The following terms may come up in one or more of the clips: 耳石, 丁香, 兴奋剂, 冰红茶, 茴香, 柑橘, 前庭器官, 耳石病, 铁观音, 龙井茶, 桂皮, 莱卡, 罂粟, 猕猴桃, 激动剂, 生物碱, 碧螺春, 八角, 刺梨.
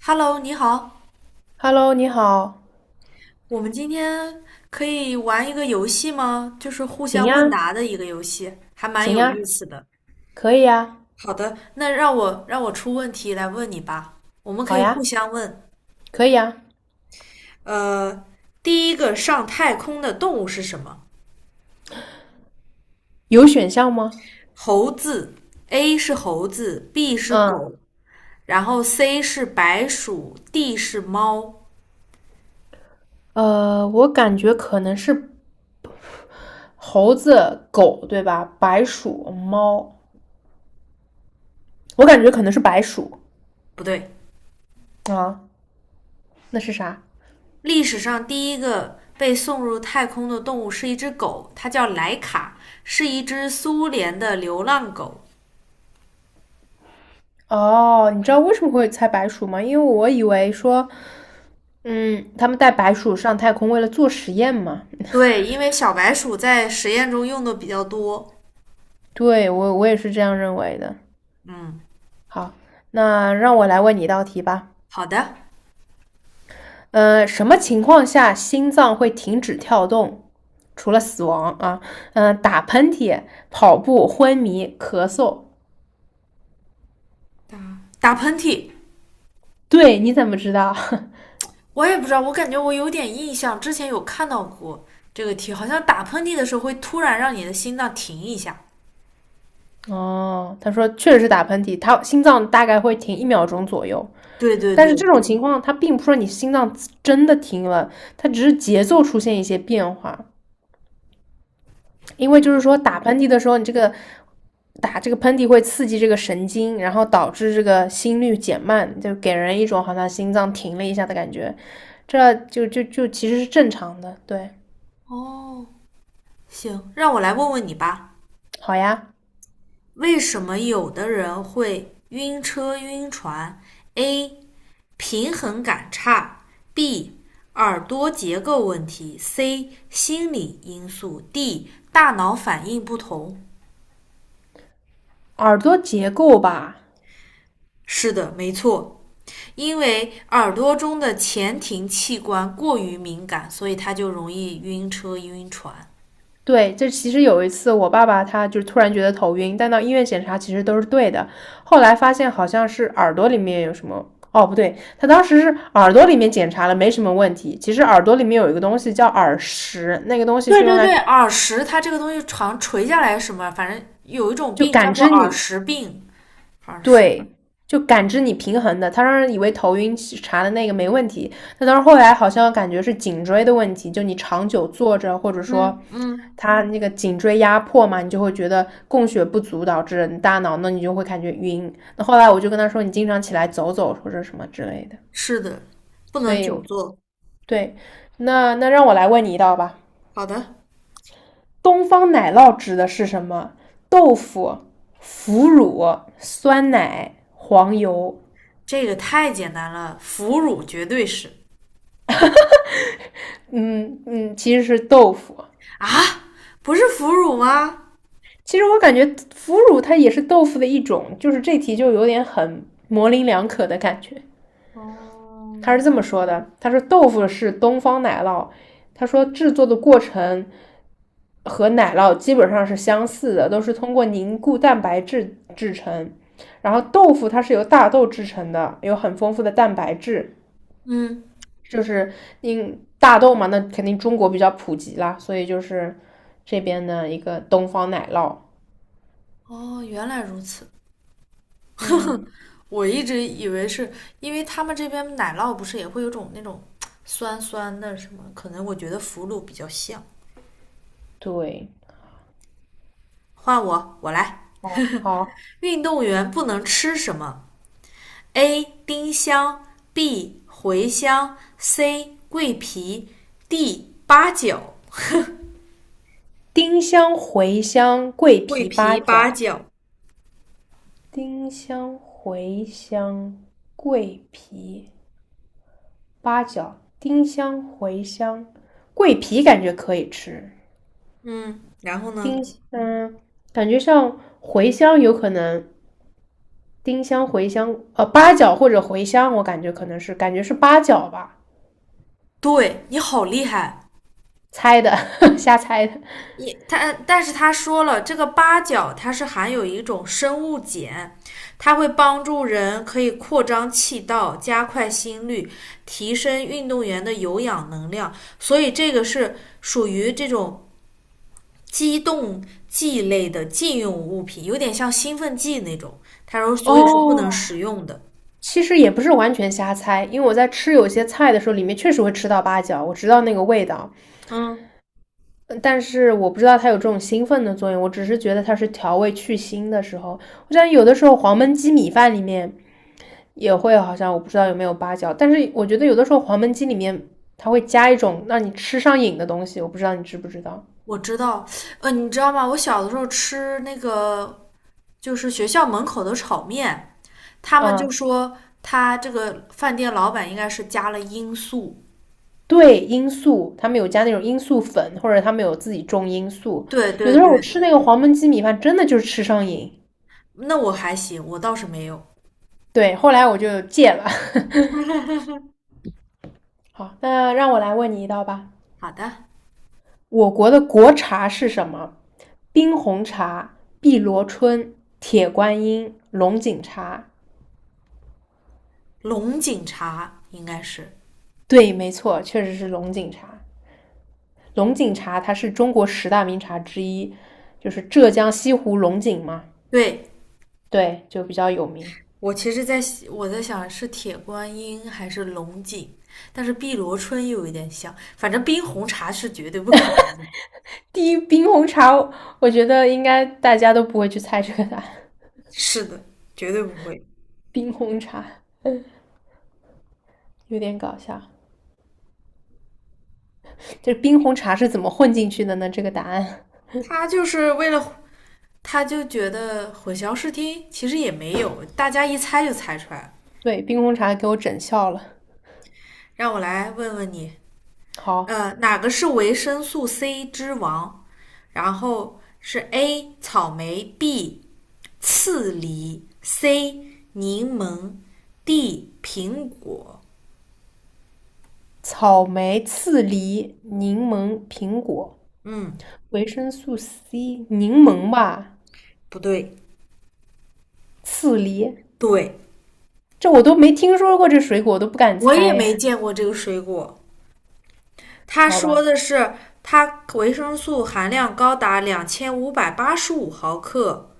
Hello，你好，Hello，你好，我们今天可以玩一个游戏吗？就是互行相问呀，答的一个游戏，还蛮行有呀，意思的。可以呀，好的，那让我出问题来问你吧。我们可好以互呀，相问。可以呀，呃，第一个上太空的动物是什么？有选项吗？猴子，A 是猴子，B 是嗯，狗，然后 C 是白鼠，D 是猫。我感觉可能是猴子、狗，对吧？白鼠、猫，我感觉可能是白鼠。不对。啊，那是啥？历史上第一个被送入太空的动物是一只狗，它叫莱卡，是一只苏联的流浪狗。哦，你知道为什么会猜白鼠吗？因为我以为说，嗯，他们带白鼠上太空为了做实验嘛。对，因为小白鼠在实验中用的比较多。对，我也是这样认为的。嗯，好，那让我来问你一道题吧。好的。什么情况下心脏会停止跳动？除了死亡啊，嗯、打喷嚏、跑步、昏迷、咳嗽。打喷嚏。对，你怎么知道？我也不知道，我感觉我有点印象，之前有看到过这个题，好像打喷嚏的时候会突然让你的心脏停一下。哦，他说确实是打喷嚏，他心脏大概会停一秒钟左右。对对但是对。这种情况，它并不是说你心脏真的停了，它只是节奏出现一些变化。因为就是说打喷嚏的时候，你这个打这个喷嚏会刺激这个神经，然后导致这个心率减慢，就给人一种好像心脏停了一下的感觉，这就其实是正常的。对，哦，行，让我来问问你吧，好呀，为什么有的人会晕车晕船？A. 平衡感差；B. 耳朵结构问题；C. 心理因素；D. 大脑反应不同。耳朵结构吧。是的，没错，因为耳朵中的前庭器官过于敏感，所以它就容易晕车、晕船。对，这其实有一次我爸爸他就突然觉得头晕，但到医院检查其实都是对的，后来发现好像是耳朵里面有什么。哦，不对，他当时是耳朵里面检查了，没什么问题。其实耳朵里面有一个东西叫耳石，那个东西对是用对来对，耳石它这个东西常垂下来什么，反正有一种就病叫感做知耳你。石病，耳石。对，就感知你平衡的。他当时以为头晕查的那个没问题，那当时后来好像感觉是颈椎的问题，就你长久坐着，或者说嗯嗯，他那个颈椎压迫嘛，你就会觉得供血不足导致你大脑，那你就会感觉晕。那后来我就跟他说，你经常起来走走或者什么之类的。是的，不所能以久坐。对，那让我来问你一道吧，好的。东方奶酪指的是什么？豆腐、腐乳、酸奶、黄油。这个太简单了，腐乳绝对是。嗯嗯，其实是豆腐。啊，不是腐乳吗？其实我感觉腐乳它也是豆腐的一种，就是这题就有点很模棱两可的感觉。他哦。是这么说的：他说豆腐是东方奶酪，他说制作的过程和奶酪基本上是相似的，都是通过凝固蛋白质制成。然后豆腐它是由大豆制成的，有很丰富的蛋白质。嗯。就是因大豆嘛，那肯定中国比较普及啦，所以就是这边的一个东方奶酪。哦，原来如此。嗯，我一直以为是因为他们这边奶酪不是也会有种那种酸酸的什么，可能我觉得腐乳比较像。对，换我，我来。好，运动员不能吃什么？A. 丁香 B. 茴香 C. 桂皮 D. 八角。丁香、茴香、桂桂皮、八皮、八角，角。丁香、茴香、桂皮、八角，丁香、茴香、桂皮感觉可以吃，嗯，然后呢？丁嗯，感觉像茴香有可能，丁香、茴香，八角或者茴香，我感觉可能是感觉是八角吧。对你好厉害。猜的，瞎猜的。你他，但是他说了，这个八角它是含有一种生物碱，它会帮助人可以扩张气道、加快心率、提升运动员的有氧能量，所以这个是属于这种激动剂类的禁用物品，有点像兴奋剂那种。他说，所以是不哦，能食用的。其实也不是完全瞎猜，因为我在吃有些菜的时候，里面确实会吃到八角，我知道那个味道，嗯，但是我不知道它有这种兴奋的作用，我只是觉得它是调味去腥的时候。我想有的时候黄焖鸡米饭里面也会，好像我不知道有没有八角，但是我觉得有的时候黄焖鸡里面它会加一种让你吃上瘾的东西，我不知道你知不知道。我知道。你知道吗？我小的时候吃那个就是学校门口的炒面，他们就嗯，说他这个饭店老板应该是加了罂粟。对，罂粟，他们有加那种罂粟粉，或者他们有自己种罂粟。对有对的时候我对，吃那个黄焖鸡米饭，真的就是吃上瘾。那我还行，我倒是没有。对，后来我就戒了。好，那让我来问你一道吧。好的，我国的国茶是什么？冰红茶、碧螺春、铁观音、龙井茶。龙井茶应该是。对，没错，确实是龙井茶。龙井茶它是中国十大名茶之一，就是浙江西湖龙井嘛，对，对，就比较有名。我其实在我在想是铁观音还是龙井，但是碧螺春又有点像，反正冰红茶是绝对不可能。第一，冰红茶，我觉得应该大家都不会去猜这个答案。是的，绝对不会。冰红茶有点搞笑，这冰红茶是怎么混进去的呢？这个答案，他就是为了，他就觉得混淆视听，其实也没有，大家一猜就猜出来了。对，冰红茶给我整笑了。让我来问问你，好，哪个是维生素 C 之王？然后是 A 草莓，B 刺梨，C 柠檬，D 苹果。草莓、刺梨、柠檬、苹果、嗯，维生素 C，柠檬吧，不对。刺梨，对，这我都没听说过这水果，我都不敢我也没猜，见过这个水果。他好说吧，的是它维生素含量高达2585毫克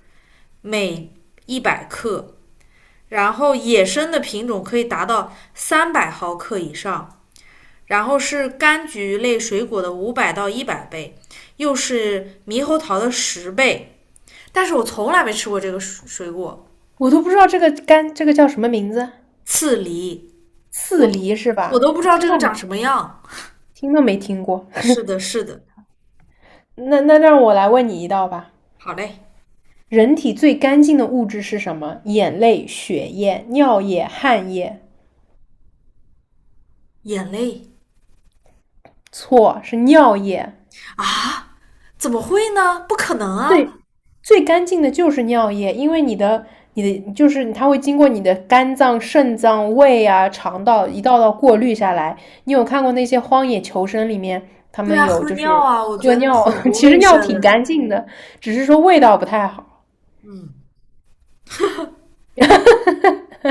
每100克，然后野生的品种可以达到300毫克以上。然后是柑橘类水果的500到100倍，又是猕猴桃的10倍。但是我从来没吃过这个水果，我都不知道这个干这个叫什么名字，刺梨，刺我梨是我吧？都不知道这个长什么样。听都没听过。是的，是的，那让我来问你一道吧。好嘞。人体最干净的物质是什么？眼泪、血液、尿液、汗液。眼泪。错，是尿液。啊？怎么会呢？不可能啊！最最干净的就是尿液，因为你的就是它会经过你的肝脏、肾脏、胃啊、肠道一道道过滤下来。你有看过那些荒野求生里面，他对们啊，有喝就是尿啊，我喝觉得尿，很 不其实卫尿挺生。干净的，只是说味道不太好，嗯，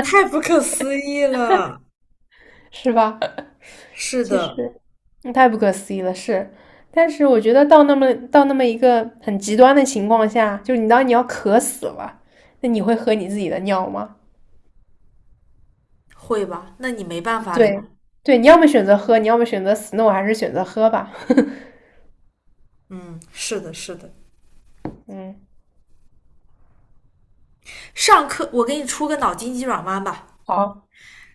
太不可思议了。是吧？是其的，实，嗯太不可思议了，是。但是我觉得到那么一个很极端的情况下，就是你当你要渴死了，那你会喝你自己的尿吗？会吧？那你没办法了呀。对，对，你要么选择喝，你要么选择死，那我还是选择喝吧。嗯，是的，是的。嗯，上课我给你出个脑筋急转弯吧。好，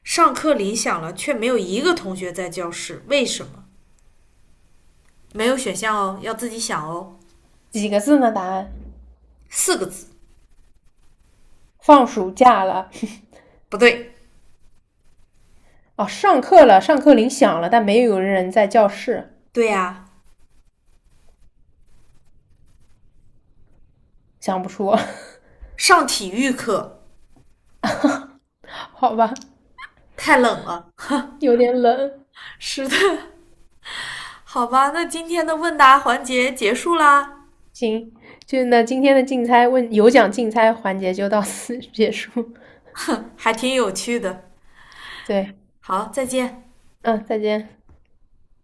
上课铃响了，却没有一个同学在教室，为什么？没有选项哦，要自己想哦。几个字呢？答案，4个字，放暑假了，不对。哦，上课了，上课铃响了，但没有人在教室，对呀、啊。想不出，上体育课 好吧，太冷了。有点冷。是的，好吧，那今天的问答环节结束啦，行，就那今天的竞猜问有奖竞猜环节就到此结束。还挺有趣的。对，好，再见。嗯，再见。